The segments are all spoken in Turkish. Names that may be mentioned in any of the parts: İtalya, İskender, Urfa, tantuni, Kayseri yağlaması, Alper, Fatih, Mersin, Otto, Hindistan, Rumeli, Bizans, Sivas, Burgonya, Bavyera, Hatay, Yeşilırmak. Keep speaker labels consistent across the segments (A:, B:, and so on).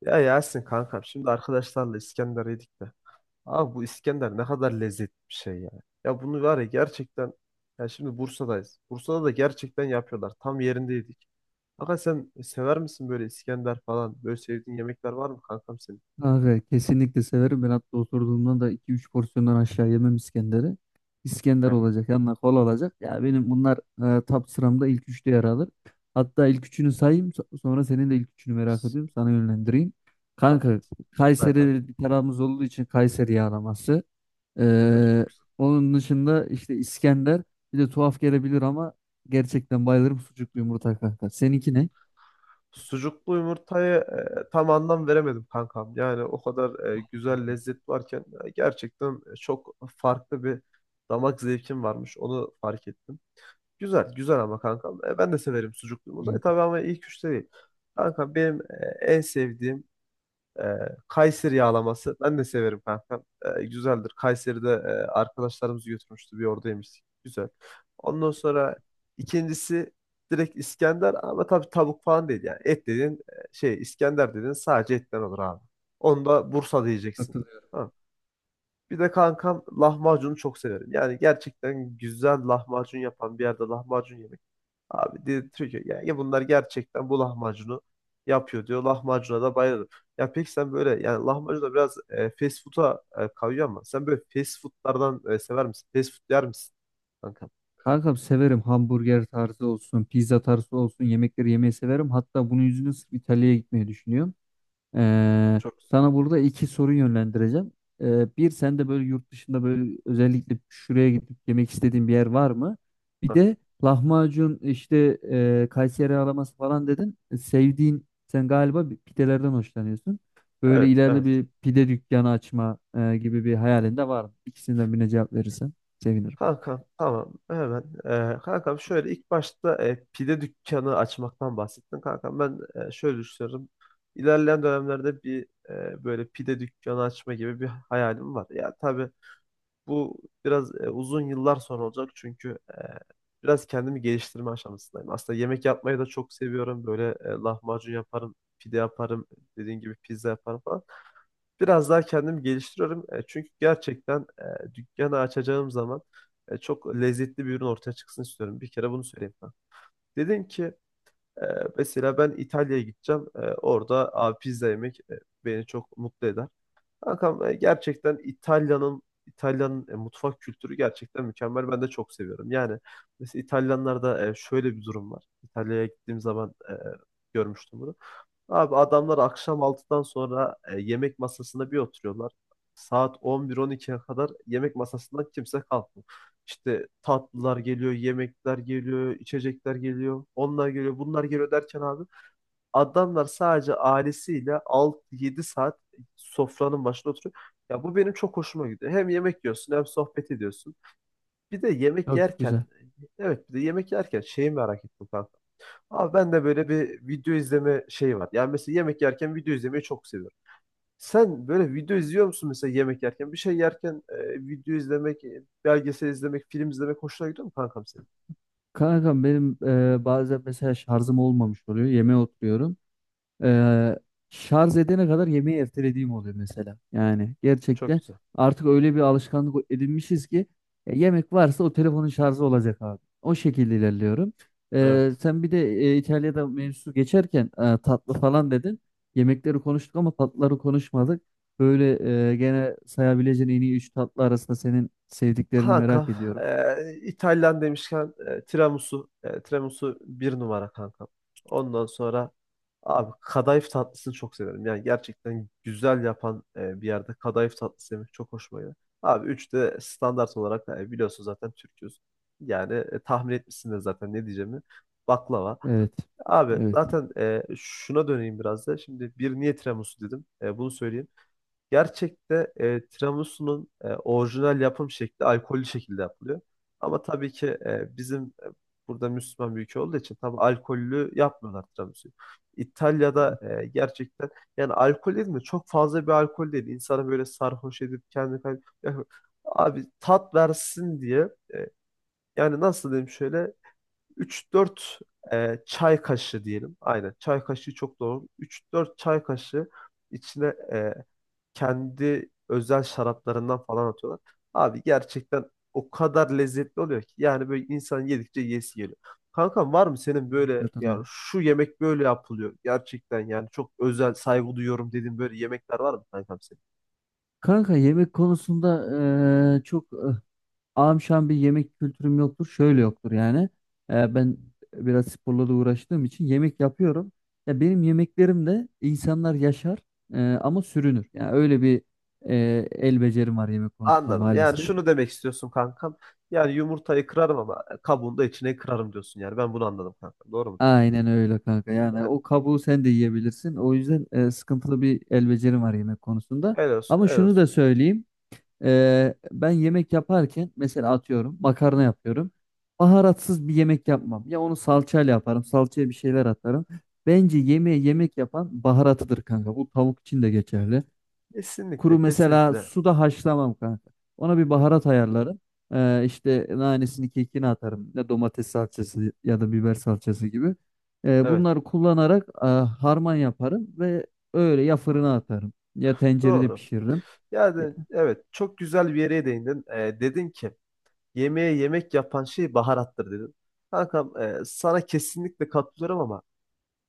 A: Ya Yasin kankam, şimdi arkadaşlarla İskender yedik de. Abi bu İskender ne kadar lezzetli bir şey ya. Ya bunu var ya, gerçekten ya. Şimdi Bursa'dayız. Bursa'da da gerçekten yapıyorlar. Tam yerinde yedik. Kanka, sen sever misin böyle İskender falan? Böyle sevdiğin yemekler var mı kankam senin?
B: Abi kesinlikle severim. Ben hatta oturduğumda da iki üç porsiyondan aşağı yemem İskender'i. İskender
A: Yani.
B: olacak, yanına kola olacak. Ya benim bunlar top sıramda ilk üçte yer alır. Hatta ilk üçünü sayayım, sonra senin de ilk üçünü merak
A: s-
B: ediyorum. Sana yönlendireyim.
A: Ha. Ha,
B: Kanka,
A: kanka.
B: Kayseri bir tarafımız olduğu için Kayseri yağlaması.
A: Güzel,
B: Ee,
A: çok güzel.
B: Onun dışında işte İskender. Bir de tuhaf gelebilir ama gerçekten bayılırım sucuklu yumurta kanka. Seninki ne?
A: Sucuklu yumurtayı tam anlam veremedim kankam. Yani o kadar güzel lezzet varken gerçekten çok farklı bir damak zevkim varmış. Onu fark ettim. Güzel, güzel ama kankam. Ben de severim sucuklu yumurtayı tabii, ama ilk üçte değil. Kankam benim en sevdiğim e, Kayseri yağlaması. Ben de severim kankam. Güzeldir. Kayseri'de arkadaşlarımız götürmüştü. Bir orada yemiştik. Güzel. Ondan sonra ikincisi direkt İskender, ama tabii tavuk falan değil yani. Et dediğin, şey, İskender dediğin sadece etten olur abi. Onu da Bursa diyeceksin.
B: Hı.
A: Tamam. Bir de kankam, lahmacunu çok severim. Yani gerçekten güzel lahmacun yapan bir yerde lahmacun yemek. Abi dedirtiyor ki ya, ya bunlar gerçekten bu lahmacunu yapıyor, diyor. Lahmacuna da bayılırım. Ya peki sen böyle yani lahmacun da biraz fast food'a kayıyor, ama sen böyle fast food'lardan sever misin? Fast food yer misin kanka?
B: Kankam severim hamburger tarzı olsun, pizza tarzı olsun yemekleri yemeyi severim. Hatta bunun yüzünden sırf İtalya'ya gitmeyi düşünüyorum. Ee,
A: Çok güzel.
B: Sana burada iki soru yönlendireceğim. Bir sen de böyle yurt dışında böyle özellikle şuraya gidip yemek istediğin bir yer var mı? Bir
A: Ha.
B: de lahmacun işte Kayseri araması falan dedin. E, Sevdiğin sen galiba bir pidelerden hoşlanıyorsun. Böyle
A: Evet,
B: ileride
A: evet.
B: bir pide dükkanı açma gibi bir hayalin de var mı? İkisinden birine cevap verirsen sevinirim.
A: Kankam, tamam hemen. Kankam şöyle, ilk başta pide dükkanı açmaktan bahsettin. Kankam ben şöyle düşünüyorum. İlerleyen dönemlerde bir böyle pide dükkanı açma gibi bir hayalim var. Ya tabii bu biraz uzun yıllar sonra olacak, çünkü biraz kendimi geliştirme aşamasındayım. Aslında yemek yapmayı da çok seviyorum. Böyle lahmacun yaparım, pide yaparım, dediğin gibi pizza yaparım falan. Biraz daha kendimi geliştiriyorum. Çünkü gerçekten dükkanı açacağım zaman çok lezzetli bir ürün ortaya çıksın istiyorum. Bir kere bunu söyleyeyim ben. Dedim ki e, mesela ben İtalya'ya gideceğim. Orada abi pizza yemek beni çok mutlu eder. Kankam gerçekten İtalya'nın mutfak kültürü gerçekten mükemmel. Ben de çok seviyorum. Yani mesela İtalyanlarda şöyle bir durum var. İtalya'ya gittiğim zaman görmüştüm bunu. Abi adamlar akşam 6'dan sonra yemek masasına bir oturuyorlar. Saat 11-12'ye kadar yemek masasından kimse kalkmıyor. İşte tatlılar geliyor, yemekler geliyor, içecekler geliyor, onlar geliyor, bunlar geliyor derken abi adamlar sadece ailesiyle 6 yedi saat sofranın başında oturuyor. Ya bu benim çok hoşuma gidiyor. Hem yemek yiyorsun, hem sohbet ediyorsun. Bir de yemek
B: Çok
A: yerken,
B: güzel.
A: evet, bir de yemek yerken şeyi merak ettim kanka. Abi ben de böyle bir video izleme şeyi var. Yani mesela yemek yerken video izlemeyi çok seviyorum. Sen böyle video izliyor musun mesela yemek yerken? Bir şey yerken video izlemek, belgesel izlemek, film izlemek hoşuna gidiyor mu kankam senin?
B: Kanka benim bazen mesela şarjım olmamış oluyor. Yemeğe oturuyorum. Ee, Şarj edene kadar yemeği ertelediğim oluyor mesela. Yani
A: Çok
B: gerçekten
A: güzel.
B: artık öyle bir alışkanlık edinmişiz ki yemek varsa o telefonun şarjı olacak abi. O şekilde ilerliyorum.
A: Evet.
B: Sen bir de İtalya'da mevzusu geçerken tatlı falan dedin. Yemekleri konuştuk ama tatlıları konuşmadık. Böyle gene sayabileceğin en iyi 3 tatlı arasında senin sevdiklerini
A: Kankam,
B: merak ediyorum.
A: İtalyan demişken tiramisu, tiramisu bir numara kankam. Ondan sonra abi kadayıf tatlısını çok severim. Yani gerçekten güzel yapan bir yerde kadayıf tatlısı yemek çok hoşuma gidiyor. Abi üç de standart olarak biliyorsun zaten Türk'üz. Yani tahmin etmişsin de zaten ne diyeceğimi. Baklava.
B: Evet.
A: Abi
B: Evet.
A: zaten şuna döneyim biraz da. Şimdi bir niye tiramisu dedim. Bunu söyleyeyim. Gerçekte tiramisu'nun orijinal yapım şekli alkollü şekilde yapılıyor. Ama tabii ki bizim burada Müslüman bir ülke olduğu için tabii alkollü yapmıyorlar tiramisu'yu. İtalya'da gerçekten yani alkol dedim mi çok fazla bir alkol değil. İnsanı böyle sarhoş edip kendini ya, abi tat versin diye yani nasıl diyeyim, şöyle 3-4 çay kaşığı diyelim. Aynen çay kaşığı çok doğru. 3-4 çay kaşığı içine e, kendi özel şaraplarından falan atıyorlar. Abi gerçekten o kadar lezzetli oluyor ki yani böyle insan yedikçe yesi geliyor. Kankam var mı senin böyle, yani
B: Katılıyorum.
A: şu yemek böyle yapılıyor gerçekten, yani çok özel, saygı duyuyorum dediğin böyle yemekler var mı kankam senin?
B: Kanka yemek konusunda eee, çok eh, Ağam şu an bir yemek kültürüm yoktur. Şöyle yoktur yani. Ben biraz sporla da uğraştığım için yemek yapıyorum. Ya benim yemeklerim de insanlar yaşar ama sürünür. Yani öyle bir e, el becerim var yemek konusunda
A: Anladım. Yani
B: maalesef.
A: şunu demek istiyorsun kankam. Yani yumurtayı kırarım ama kabuğunu da içine kırarım diyorsun yani. Ben bunu anladım kankam. Doğru mu?
B: Aynen öyle kanka. Yani
A: Yani
B: o kabuğu sen de yiyebilirsin. O yüzden sıkıntılı bir el becerim var yemek konusunda.
A: helal olsun,
B: Ama
A: helal
B: şunu da
A: olsun.
B: söyleyeyim. Ben yemek yaparken mesela atıyorum makarna yapıyorum. Baharatsız bir yemek yapmam. Ya onu salçayla yaparım. Salçaya bir şeyler atarım. Bence yemeğe yemek yapan baharatıdır kanka. Bu tavuk için de geçerli. Kuru
A: Kesinlikle,
B: mesela
A: kesinlikle.
B: suda haşlamam kanka. Ona bir baharat ayarlarım. İşte nanesini kekini atarım. Ya domates salçası ya da biber salçası gibi.
A: Evet.
B: Bunları kullanarak harman yaparım ve öyle ya
A: Doğru.
B: fırına atarım ya tencerede
A: Doğru.
B: pişiririm. Ya-
A: Yani evet, çok güzel bir yere değindin. Dedin ki yemeğe yemek yapan şey baharattır dedin. Kankam sana kesinlikle katılıyorum, ama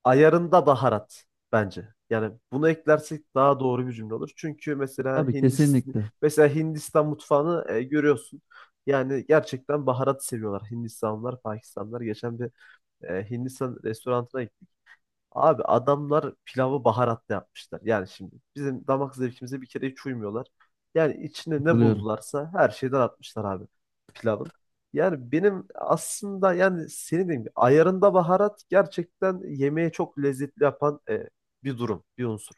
A: ayarında baharat bence. Yani bunu eklersek daha doğru bir cümle olur. Çünkü mesela
B: Tabii
A: Hindistan,
B: kesinlikle.
A: mesela Hindistan mutfağını görüyorsun. Yani gerçekten baharat seviyorlar Hindistanlılar, Pakistanlılar. Geçen bir Hindistan restoranına gittik. Abi adamlar pilavı baharatla yapmışlar. Yani şimdi bizim damak zevkimize bir kere hiç uymuyorlar. Yani içine ne
B: Katılıyorum.
A: buldularsa her şeyden atmışlar abi pilavın. Yani benim aslında, yani senin dediğin gibi ayarında baharat gerçekten yemeği çok lezzetli yapan bir durum, bir unsur.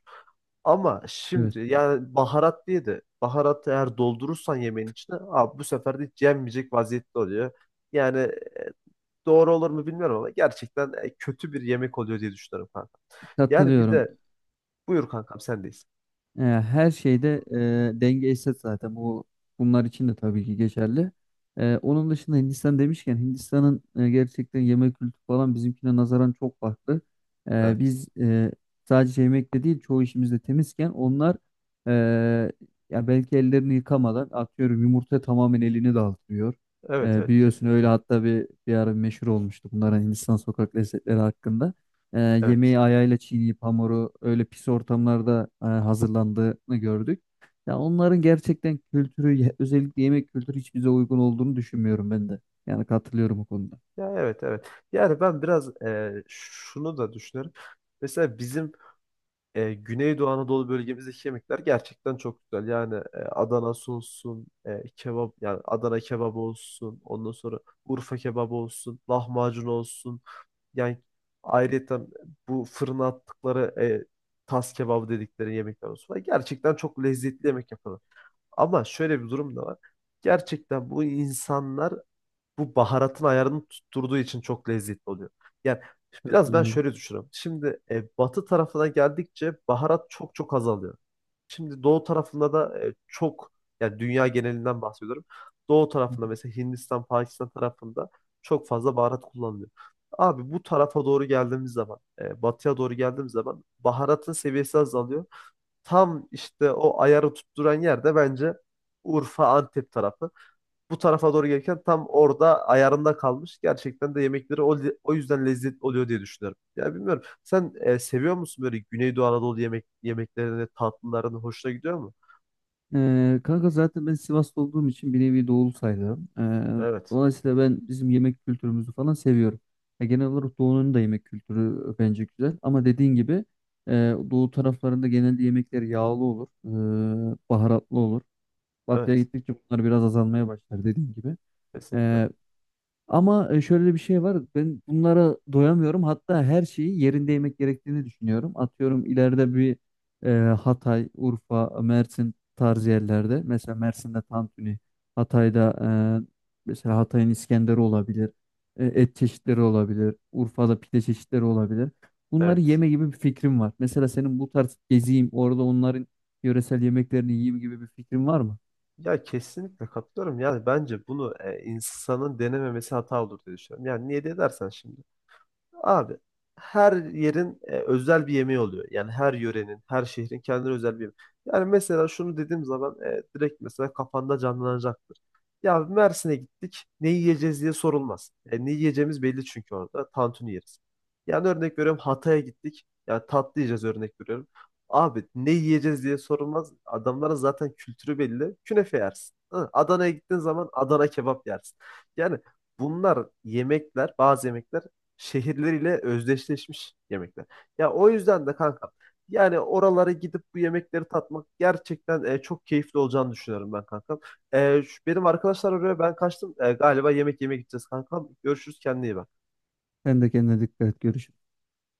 A: Ama
B: Evet.
A: şimdi yani baharat diye de baharatı eğer doldurursan yemeğin içine abi bu sefer de hiç yenmeyecek vaziyette oluyor. Yani e, doğru olur mu bilmiyorum, ama gerçekten kötü bir yemek oluyor diye düşünüyorum kanka. Yani bir
B: Katılıyorum.
A: de buyur kankam, sendeyiz.
B: Her şeyde denge eşit zaten. Bunlar için de tabii ki geçerli. Onun dışında Hindistan demişken Hindistan'ın gerçekten yemek kültürü falan bizimkine nazaran çok farklı.
A: Evet.
B: Biz sadece yemekte değil çoğu işimizde temizken onlar e, ya belki ellerini yıkamadan atıyorum yumurta tamamen elini dağıtıyor.
A: Evet, evet,
B: Biliyorsun
A: kesinlikle.
B: öyle hatta bir ara meşhur olmuştu bunların Hindistan sokak lezzetleri hakkında. E,
A: Evet.
B: yemeği ayağıyla çiğneyip hamuru öyle pis ortamlarda hazırlandığını gördük. Ya onların gerçekten kültürü özellikle yemek kültürü hiç bize uygun olduğunu düşünmüyorum ben de. Yani katılıyorum o konuda.
A: Ya evet, evet. Yani ben biraz şunu da düşünüyorum. Mesela bizim Güneydoğu Anadolu bölgemizdeki yemekler gerçekten çok güzel. Yani Adanası olsun, kebap yani Adana kebabı olsun, ondan sonra Urfa kebabı olsun, lahmacun olsun. Yani ayrıca bu fırına attıkları tas kebabı dedikleri yemekler olsun. Gerçekten çok lezzetli yemek yapıyorlar. Ama şöyle bir durum da var. Gerçekten bu insanlar bu baharatın ayarını tutturduğu için çok lezzetli oluyor. Yani biraz ben
B: Katılıyorum.
A: şöyle düşünüyorum. Şimdi batı tarafına geldikçe baharat çok çok azalıyor. Şimdi doğu tarafında da çok, yani dünya genelinden bahsediyorum. Doğu
B: Hı
A: tarafında mesela Hindistan, Pakistan tarafında çok fazla baharat kullanılıyor. Abi bu tarafa doğru geldiğimiz zaman, batıya doğru geldiğimiz zaman baharatın seviyesi azalıyor. Tam işte o ayarı tutturan yer de bence Urfa, Antep tarafı. Bu tarafa doğru gelirken tam orada ayarında kalmış. Gerçekten de yemekleri o yüzden lezzetli oluyor diye düşünüyorum. Ya bilmiyorum. Sen seviyor musun böyle Güneydoğu Anadolu yemek yemeklerini, tatlılarını hoşuna gidiyor mu?
B: hı. E, kanka zaten ben Sivaslı olduğum için bir nevi doğulu sayılırım. E,
A: Evet.
B: dolayısıyla ben bizim yemek kültürümüzü falan seviyorum. Ya genel olarak doğunun da yemek kültürü bence güzel. Ama dediğin gibi e, doğu taraflarında genelde yemekler yağlı olur, baharatlı olur. Batıya
A: Evet.
B: gittikçe bunlar biraz azalmaya başlar dediğin gibi.
A: Kesinlikle.
B: Ee, Ama şöyle bir şey var. Ben bunlara doyamıyorum. Hatta her şeyi yerinde yemek gerektiğini düşünüyorum. Atıyorum ileride bir Hatay, Urfa, Mersin tarzı yerlerde. Mesela Mersin'de tantuni, Hatay'da mesela Hatay'ın İskender'i olabilir. E, et çeşitleri olabilir. Urfa'da pide çeşitleri olabilir. Bunları
A: Evet.
B: yeme gibi bir fikrim var. Mesela senin bu tarz geziyim, orada onların yöresel yemeklerini yiyeyim gibi bir fikrin var mı?
A: Ya kesinlikle katılıyorum. Yani bence bunu insanın denememesi hata olur diye düşünüyorum. Yani niye diye dersen şimdi. Abi her yerin özel bir yemeği oluyor. Yani her yörenin, her şehrin kendine özel bir yemeği. Yani mesela şunu dediğim zaman direkt mesela kafanda canlanacaktır. Ya Mersin'e gittik, ne yiyeceğiz diye sorulmaz. Ne yiyeceğimiz belli çünkü orada. Tantuni yeriz. Yani örnek veriyorum Hatay'a gittik. Yani tatlı yiyeceğiz örnek veriyorum. Abi ne yiyeceğiz diye sorulmaz. Adamların zaten kültürü belli. Künefe yersin. Hı. Adana'ya gittiğin zaman Adana kebap yersin. Yani bunlar yemekler, bazı yemekler şehirleriyle özdeşleşmiş yemekler. Ya o yüzden de kanka, yani oralara gidip bu yemekleri tatmak gerçekten çok keyifli olacağını düşünüyorum ben kankam. Benim arkadaşlar arıyor, ben kaçtım. Galiba yemek yemeye gideceğiz kankam. Görüşürüz, kendine iyi bak.
B: Sen de kendine dikkat et. Görüşürüz.